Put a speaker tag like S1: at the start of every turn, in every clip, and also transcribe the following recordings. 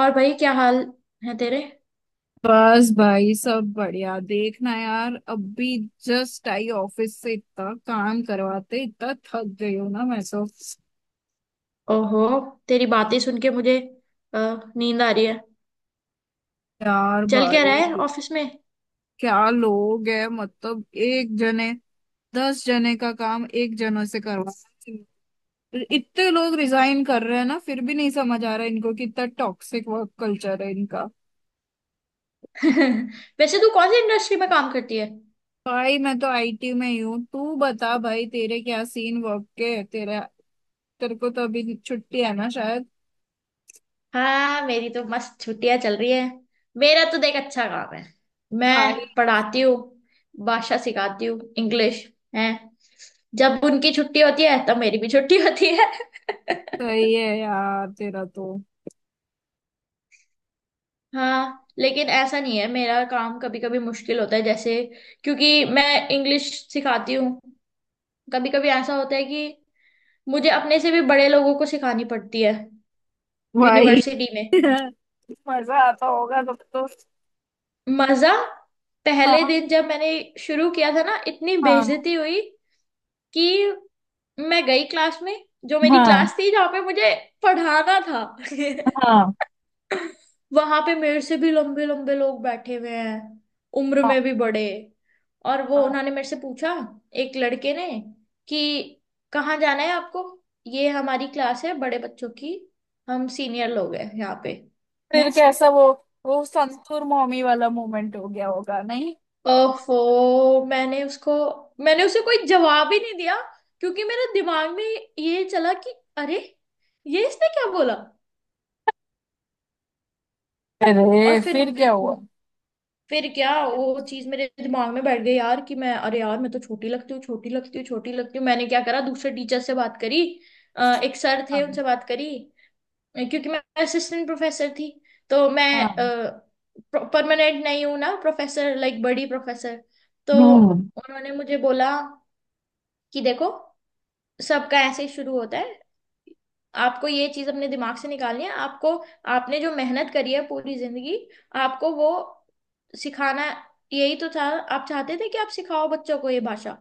S1: और भाई क्या हाल है तेरे?
S2: बस भाई, सब बढ़िया। देखना यार, अभी जस्ट आई ऑफिस से, इतना काम करवाते इतना थक गई हूँ ना मैं तो।
S1: ओहो, तेरी बातें सुन के मुझे अ, नींद आ रही है।
S2: यार
S1: चल क्या रहा
S2: भाई,
S1: है ऑफिस में?
S2: क्या लोग है, मतलब एक जने 10 जने का काम एक जने से करवा रहे हैं। इतने लोग रिजाइन कर रहे हैं ना, फिर भी नहीं समझ आ रहा इनको कि इतना टॉक्सिक वर्क कल्चर है इनका।
S1: वैसे तू कौन सी इंडस्ट्री में काम करती है?
S2: भाई मैं तो आईटी में ही हूँ। तू बता भाई, तेरे क्या सीन वर्क के? तेरा, तेरे को तो अभी छुट्टी है ना शायद।
S1: हाँ मेरी तो मस्त छुट्टियां चल रही है। मेरा तो देख अच्छा काम है। मैं पढ़ाती हूँ, भाषा सिखाती हूँ, इंग्लिश है। जब उनकी छुट्टी होती है तब मेरी भी छुट्टी होती है।
S2: सही है यार तेरा तो।
S1: हाँ लेकिन ऐसा नहीं है, मेरा काम कभी कभी मुश्किल होता है जैसे, क्योंकि मैं इंग्लिश सिखाती हूँ। कभी कभी ऐसा होता है कि मुझे अपने से भी बड़े लोगों को सिखानी पड़ती है,
S2: भाई
S1: यूनिवर्सिटी में।
S2: मजा आता होगा तब तो।
S1: मजा। पहले
S2: हाँ,
S1: दिन जब मैंने शुरू किया था ना, इतनी
S2: हाँ,
S1: बेइज्जती हुई कि मैं गई क्लास में। जो मेरी
S2: हाँ,
S1: क्लास थी, जहाँ पे मुझे पढ़ाना था,
S2: हाँ,
S1: वहां पे मेरे से भी लंबे लंबे लोग बैठे हुए हैं, उम्र में
S2: हाँ,
S1: भी बड़े। और वो
S2: हाँ।
S1: उन्होंने मेरे से पूछा, एक लड़के ने, कि कहाँ जाना है आपको? ये हमारी क्लास है बड़े बच्चों की, हम सीनियर लोग हैं यहाँ पे,
S2: फिर
S1: हैं।
S2: कैसा वो? वो संतूर मॉमी वाला मोमेंट हो गया होगा नहीं?
S1: ओफो, मैंने उसे कोई जवाब ही नहीं दिया, क्योंकि मेरे दिमाग में ये चला कि अरे, ये इसने क्या बोला। और
S2: अरे
S1: फिर,
S2: फिर क्या हुआ?
S1: क्या वो चीज मेरे दिमाग में बैठ गई यार कि मैं, अरे यार मैं तो छोटी लगती हूँ, छोटी लगती हूँ, छोटी लगती हूँ। मैंने क्या करा, दूसरे टीचर से बात करी। एक सर थे,
S2: हाँ,
S1: उनसे बात करी, क्योंकि मैं असिस्टेंट प्रोफेसर थी, तो मैं
S2: हाँ,
S1: परमानेंट नहीं हूँ ना, प्रोफेसर, लाइक बड़ी प्रोफेसर। तो
S2: हम्म,
S1: उन्होंने मुझे बोला कि देखो, सबका ऐसे ही शुरू होता है। आपको ये चीज अपने दिमाग से निकालनी है। आपको, आपने जो मेहनत करी है पूरी जिंदगी, आपको वो सिखाना, यही तो था। आप चाहते थे कि आप सिखाओ बच्चों को ये भाषा।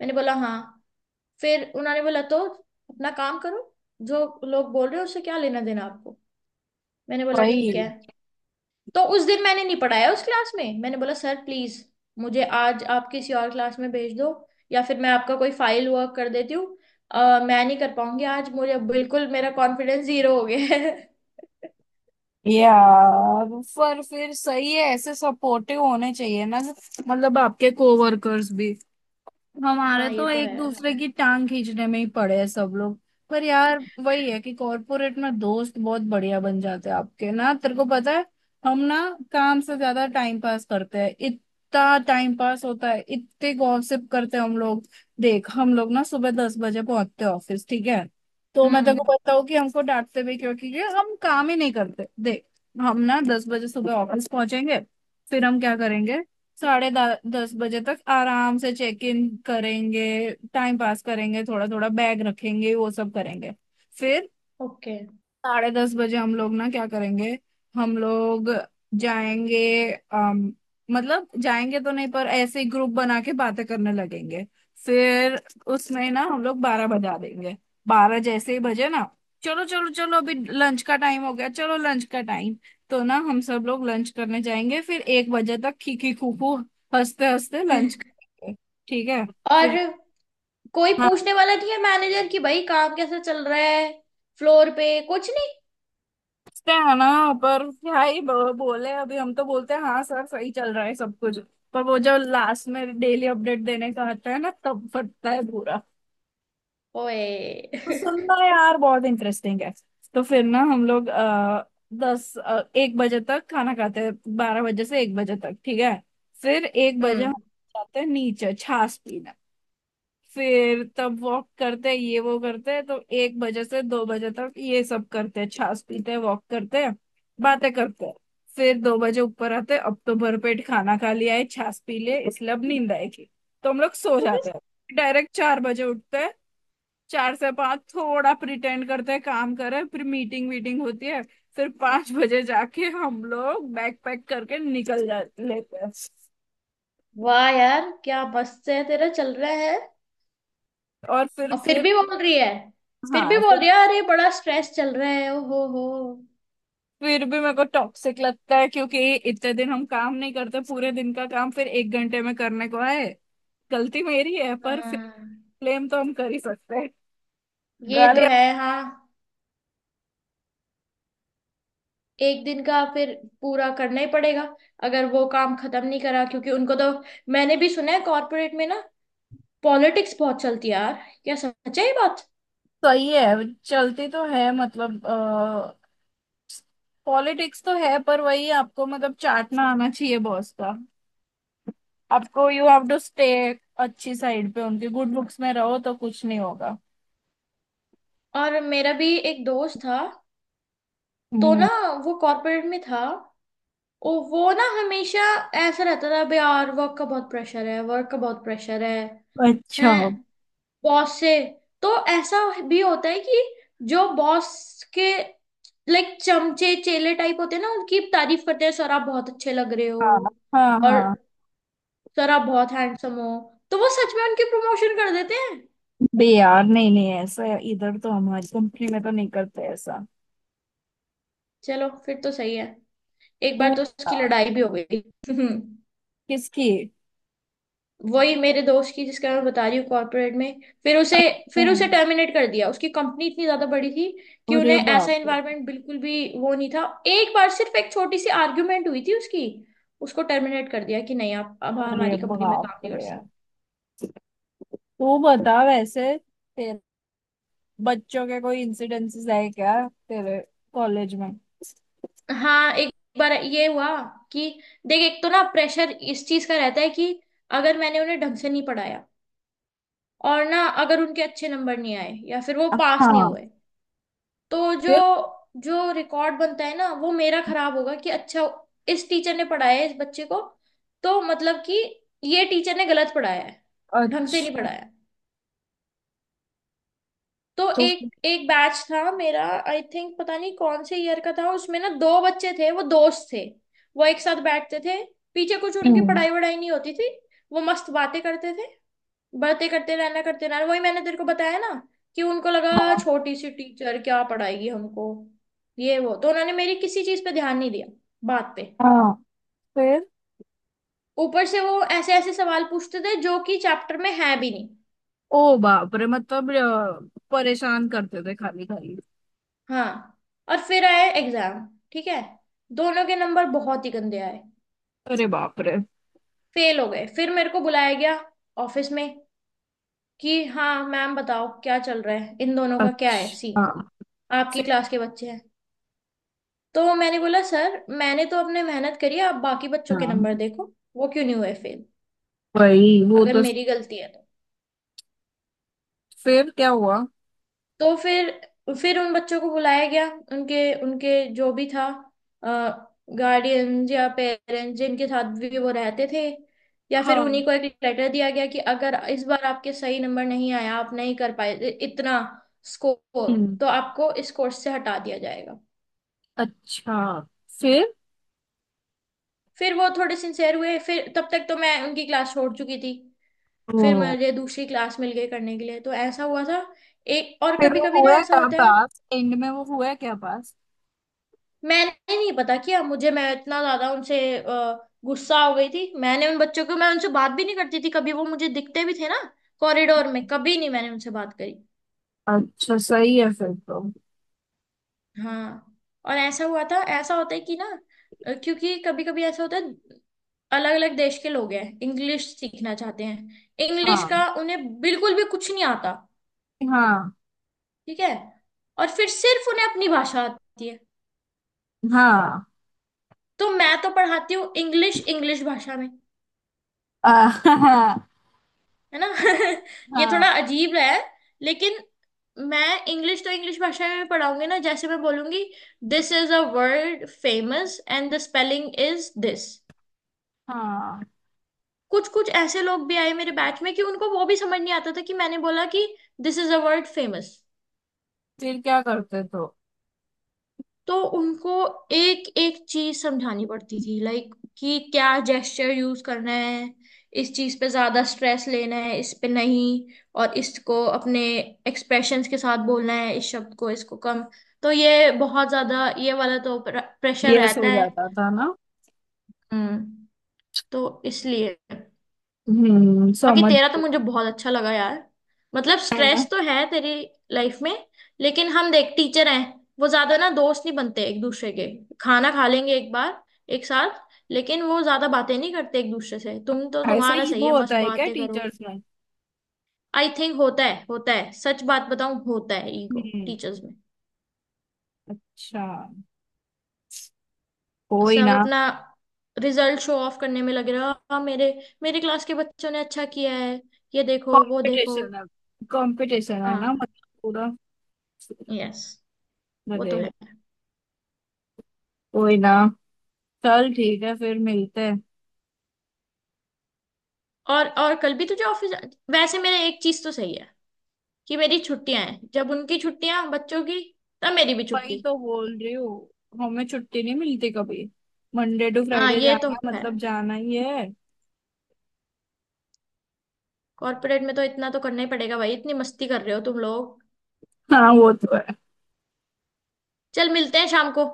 S1: मैंने बोला हाँ। फिर उन्होंने बोला तो अपना काम करो, जो लोग बोल रहे हो उससे क्या लेना देना आपको। मैंने बोला
S2: वही।
S1: ठीक है। तो उस दिन मैंने नहीं पढ़ाया उस क्लास में, मैंने बोला सर प्लीज मुझे आज आप किसी और क्लास में भेज दो, या फिर मैं आपका कोई फाइल वर्क कर देती हूँ। मैं नहीं कर पाऊंगी आज, मुझे, बिल्कुल मेरा कॉन्फिडेंस जीरो हो गया है।
S2: यार, पर फिर सही है, ऐसे सपोर्टिव होने चाहिए ना, मतलब आपके कोवर्कर्स भी। हमारे
S1: हाँ ये
S2: तो
S1: तो है।
S2: एक दूसरे की टांग खींचने में ही पड़े हैं सब लोग। पर यार वही है कि कॉर्पोरेट में दोस्त बहुत बढ़िया बन जाते हैं आपके ना, तेरे को पता है। हम ना काम से ज्यादा टाइम पास करते हैं, इतना टाइम पास होता है, इतने गॉसिप करते हैं हम लोग। देख, हम लोग ना सुबह 10 बजे पहुंचते हैं ऑफिस, ठीक है। तो मैं तेरे
S1: हम्म।
S2: को बताऊँ कि हमको डांटते भी क्यों? क्योंकि हम काम ही नहीं करते, देख। हम ना 10 बजे सुबह ऑफिस पहुंचेंगे। फिर हम क्या करेंगे? साढ़े दस बजे तक आराम से चेक इन करेंगे, टाइम पास करेंगे, थोड़ा थोड़ा बैग रखेंगे, वो सब करेंगे। फिर
S1: ओके।
S2: साढ़े 10 बजे हम लोग ना क्या करेंगे? हम लोग जाएंगे, अम, मतलब जाएंगे तो नहीं, पर ऐसे ही ग्रुप बना के बातें करने लगेंगे। फिर उसमें ना हम लोग 12 बजा देंगे। बारह जैसे ही बजे ना, चलो चलो चलो, अभी लंच का टाइम हो गया, चलो लंच का टाइम। तो ना हम सब लोग लंच करने जाएंगे, फिर 1 बजे तक खीखी खूखू हंसते हंसते लंच करेंगे, ठीक है।
S1: और
S2: फिर
S1: कोई पूछने वाला नहीं है मैनेजर की, भाई काम कैसा चल रहा है, फ्लोर पे, कुछ नहीं।
S2: सोचते हैं ना, पर क्या ही बोले, अभी हम तो बोलते हैं हाँ सर सही चल रहा है सब कुछ। पर वो जो लास्ट में डेली अपडेट देने का आता है ना, तब फटता है पूरा।
S1: ओए।
S2: तो सुनना यार, बहुत इंटरेस्टिंग है। तो फिर ना हम लोग 1 बजे तक खाना खाते हैं, 12 बजे से 1 बजे तक, ठीक है। फिर 1 बजे हम
S1: हम्म।
S2: जाते हैं नीचे छाछ पीने, फिर तब वॉक करते हैं, ये वो करते हैं, तो एक बजे से 2 बजे तक ये सब करते हैं, छाछ पीते हैं, वॉक करते हैं, बातें करते हैं। फिर 2 बजे ऊपर आते हैं, अब तो भरपेट खाना खा लिया है, छाछ पी ले, इसलिए अब नींद आएगी, तो हम लोग सो जाते हैं। डायरेक्ट 4 बजे उठते हैं। 4 से 5 थोड़ा प्रिटेंड करते हैं काम करें, फिर मीटिंग वीटिंग होती है। फिर 5 बजे जाके हम लोग बैग पैक करके निकल जा लेते हैं।
S1: वाह यार क्या मस्त है तेरा चल रहा है।
S2: और फिर
S1: और फिर
S2: फिर
S1: भी बोल रही है, फिर भी
S2: हाँ
S1: बोल
S2: फिर
S1: रही है, अरे बड़ा स्ट्रेस चल रहा है, ओ हो हो।
S2: फिर भी मेरे को टॉक्सिक लगता है, क्योंकि इतने दिन हम काम नहीं करते, पूरे दिन का काम फिर 1 घंटे में करने को है। गलती मेरी है, पर फिर
S1: हाँ
S2: ब्लेम तो हम कर ही सकते हैं।
S1: ये तो
S2: गालियाँ।
S1: है। हाँ, एक दिन का फिर पूरा करना ही पड़ेगा, अगर वो काम खत्म नहीं करा, क्योंकि उनको तो। मैंने भी सुना है कॉर्पोरेट में ना, पॉलिटिक्स बहुत चलती है यार। क्या सच है ये बात?
S2: सही है, चलती तो है, मतलब पॉलिटिक्स तो है, पर वही, आपको मतलब चाटना आना चाहिए बॉस का। आपको यू हैव टू स्टे अच्छी साइड पे उनके, गुड बुक्स में रहो तो कुछ नहीं होगा।
S1: और मेरा भी एक दोस्त था। तो
S2: हम्म,
S1: ना, वो कॉर्पोरेट में था और वो ना हमेशा ऐसा रहता था, अबे यार वर्क का बहुत प्रेशर है, वर्क का बहुत प्रेशर है,
S2: अच्छा,
S1: हैं, बॉस से। तो ऐसा भी होता है कि जो बॉस के लाइक चमचे चेले टाइप होते हैं ना, उनकी तारीफ करते हैं, सर आप बहुत अच्छे लग रहे हो,
S2: हाँ, हाँ,
S1: और
S2: हाँ।
S1: सर आप बहुत हैंडसम हो, तो वो सच में उनकी प्रमोशन कर देते हैं।
S2: बे यार, नहीं नहीं, ऐसा इधर तो हमारी कंपनी में तो नहीं करते ऐसा।
S1: चलो फिर तो सही है। एक
S2: तू
S1: बार तो
S2: क्या?
S1: उसकी लड़ाई भी हो गई।
S2: किसकी?
S1: वही मेरे दोस्त की जिसका मैं बता रही हूँ, कॉर्पोरेट में। फिर उसे,
S2: तुम।
S1: टर्मिनेट कर दिया, उसकी कंपनी इतनी ज्यादा बड़ी थी कि
S2: अरे
S1: उन्हें ऐसा
S2: बाप रे।
S1: एनवायरनमेंट बिल्कुल भी वो नहीं था। एक बार सिर्फ एक छोटी सी आर्ग्यूमेंट हुई थी उसकी, उसको टर्मिनेट कर दिया कि नहीं आप अब
S2: अरे
S1: हमारी कंपनी में काम
S2: बाप
S1: नहीं कर
S2: रे,
S1: सकते।
S2: तू बता वैसे, बच्चों के कोई इंसिडेंसेस है क्या तेरे कॉलेज में?
S1: हाँ एक बार ये हुआ कि देख, एक तो ना प्रेशर इस चीज का रहता है कि अगर मैंने उन्हें ढंग से नहीं पढ़ाया, और ना अगर उनके अच्छे नंबर नहीं आए या फिर वो पास नहीं
S2: हाँ,
S1: हुए, तो जो
S2: फिर?
S1: जो रिकॉर्ड बनता है ना वो मेरा खराब होगा कि अच्छा, इस टीचर ने पढ़ाया है इस बच्चे को, तो मतलब कि ये टीचर ने गलत पढ़ाया है, ढंग से नहीं
S2: अच्छा।
S1: पढ़ाया। तो
S2: तो
S1: एक एक बैच था मेरा, आई थिंक पता नहीं कौन से ईयर का था, उसमें ना दो बच्चे थे वो दोस्त थे। वो एक साथ बैठते थे पीछे, कुछ उनकी
S2: हम्म,
S1: पढ़ाई वढ़ाई नहीं होती थी, वो मस्त बातें करते थे, बातें करते रहना, करते रहना। वही मैंने तेरे को बताया ना कि उनको
S2: हाँ,
S1: लगा, छोटी सी टीचर क्या पढ़ाएगी हमको, ये वो, तो उन्होंने मेरी किसी चीज पे ध्यान नहीं दिया, बात पे।
S2: हाँ, फिर?
S1: ऊपर से वो ऐसे ऐसे सवाल पूछते थे जो कि चैप्टर में है भी नहीं।
S2: ओ बाप रे, मतलब परेशान करते थे खाली खाली?
S1: हाँ और फिर आए एग्जाम, ठीक है, दोनों के नंबर बहुत ही गंदे आए,
S2: अरे बाप रे।
S1: फेल हो गए। फिर मेरे को बुलाया गया ऑफिस में कि हाँ मैम बताओ क्या चल रहा है इन दोनों का, क्या है
S2: अच्छा,
S1: सीन,
S2: हाँ,
S1: आपकी
S2: फिर?
S1: क्लास के बच्चे हैं। तो मैंने बोला सर मैंने तो अपने मेहनत करी है, आप बाकी बच्चों के नंबर
S2: हाँ
S1: देखो, वो क्यों नहीं हुए फेल,
S2: वही, वो
S1: अगर
S2: तो,
S1: मेरी गलती है तो।
S2: फिर क्या हुआ?
S1: तो फिर, उन बच्चों को बुलाया गया, उनके उनके जो भी था, गार्डियंस या पेरेंट्स, जिनके साथ भी वो रहते थे, या फिर
S2: हाँ,
S1: उन्हीं को एक लेटर दिया गया कि अगर इस बार आपके सही नंबर नहीं आया, आप नहीं कर पाए इतना स्कोर,
S2: हम्म,
S1: तो आपको इस कोर्स से हटा दिया जाएगा।
S2: अच्छा, फिर?
S1: फिर वो थोड़े सिंसेयर हुए, फिर तब तक तो मैं उनकी क्लास छोड़ चुकी थी। फिर
S2: ओ।
S1: मुझे दूसरी क्लास मिल गई करने के लिए, तो ऐसा हुआ था। एक और,
S2: फिर
S1: कभी
S2: वो
S1: कभी ना
S2: हुआ
S1: ऐसा
S2: क्या
S1: होता है।
S2: पास? एंड में वो हुआ क्या पास?
S1: मैंने नहीं पता किया, मुझे, मैं इतना ज्यादा उनसे गुस्सा हो गई थी, मैंने उन बच्चों को, मैं उनसे बात भी नहीं करती थी। कभी वो मुझे दिखते भी थे ना कॉरिडोर में, कभी नहीं मैंने उनसे बात करी।
S2: अच्छा, सही है फिर तो।
S1: हाँ, और ऐसा हुआ था, ऐसा होता है कि ना, क्योंकि कभी कभी ऐसा होता है, अलग अलग देश के लोग हैं, इंग्लिश सीखना चाहते हैं, इंग्लिश
S2: हाँ,
S1: का उन्हें बिल्कुल भी कुछ नहीं आता,
S2: हाँ,
S1: ठीक है, और फिर सिर्फ उन्हें अपनी भाषा आती है।
S2: हाँ
S1: तो मैं तो पढ़ाती हूँ इंग्लिश, इंग्लिश भाषा में,
S2: हाँ,
S1: है ना। ये थोड़ा
S2: हाँ,
S1: अजीब है, लेकिन मैं इंग्लिश तो इंग्लिश भाषा में पढ़ाऊंगी ना, जैसे मैं बोलूंगी, this is a word famous and the spelling is this.
S2: हाँ,
S1: कुछ कुछ ऐसे लोग भी आए मेरे बैच में कि उनको वो भी समझ नहीं आता था कि मैंने बोला कि, this is a word famous.
S2: फिर क्या करते तो?
S1: तो उनको एक एक चीज समझानी पड़ती थी, लाइक कि क्या जेस्चर यूज करना है, इस चीज पे ज्यादा स्ट्रेस लेना है इस पे नहीं, और इसको अपने एक्सप्रेशंस के साथ बोलना है, इस शब्द को, इसको कम। तो ये बहुत ज्यादा ये वाला तो प्रेशर
S2: यस हो
S1: रहता है।
S2: जाता था ना।
S1: हम्म, तो इसलिए।
S2: हम्म,
S1: बाकी
S2: समझ
S1: तेरा तो मुझे बहुत अच्छा लगा यार, मतलब
S2: हाँ।
S1: स्ट्रेस तो है तेरी लाइफ में, लेकिन हम देख टीचर हैं, वो ज्यादा ना दोस्त नहीं बनते एक दूसरे के। खाना खा लेंगे एक बार एक साथ, लेकिन वो ज्यादा बातें नहीं करते एक दूसरे से, तुम तो,
S2: ऐसा
S1: तुम्हारा सही है,
S2: ईगो होता
S1: मस्त
S2: है क्या
S1: बातें करो।
S2: टीचर्स में?
S1: आई थिंक होता है, होता है, सच बात बताऊं होता है, ईगो
S2: हम्म,
S1: टीचर्स में।
S2: अच्छा, कोई
S1: सब
S2: ना।
S1: अपना रिजल्ट शो ऑफ करने में लग रहा, मेरे, क्लास के बच्चों ने अच्छा किया है, ये देखो, वो देखो।
S2: कंपटीशन है, कंपटीशन है ना
S1: हाँ
S2: मतलब पूरा।
S1: यस, वो
S2: अरे,
S1: तो है।
S2: कोई ना, चल ठीक है फिर मिलते हैं।
S1: और कल भी तुझे ऑफिस, वैसे मेरा एक चीज तो सही है कि मेरी छुट्टियां हैं, जब उनकी छुट्टियां, बच्चों की, तब मेरी भी
S2: वही
S1: छुट्टी।
S2: तो बोल रही हूँ, हमें छुट्टी नहीं मिलती कभी, मंडे टू
S1: हाँ
S2: फ्राइडे
S1: ये तो
S2: जाना
S1: है,
S2: मतलब जाना ही है।
S1: कॉर्पोरेट में तो इतना तो करना ही पड़ेगा भाई, इतनी मस्ती कर रहे हो तुम लोग।
S2: हाँ, वो तो है।
S1: चल मिलते हैं शाम को,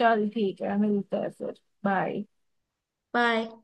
S2: चल ठीक है मिलते हैं फिर। बाय।
S1: बाय।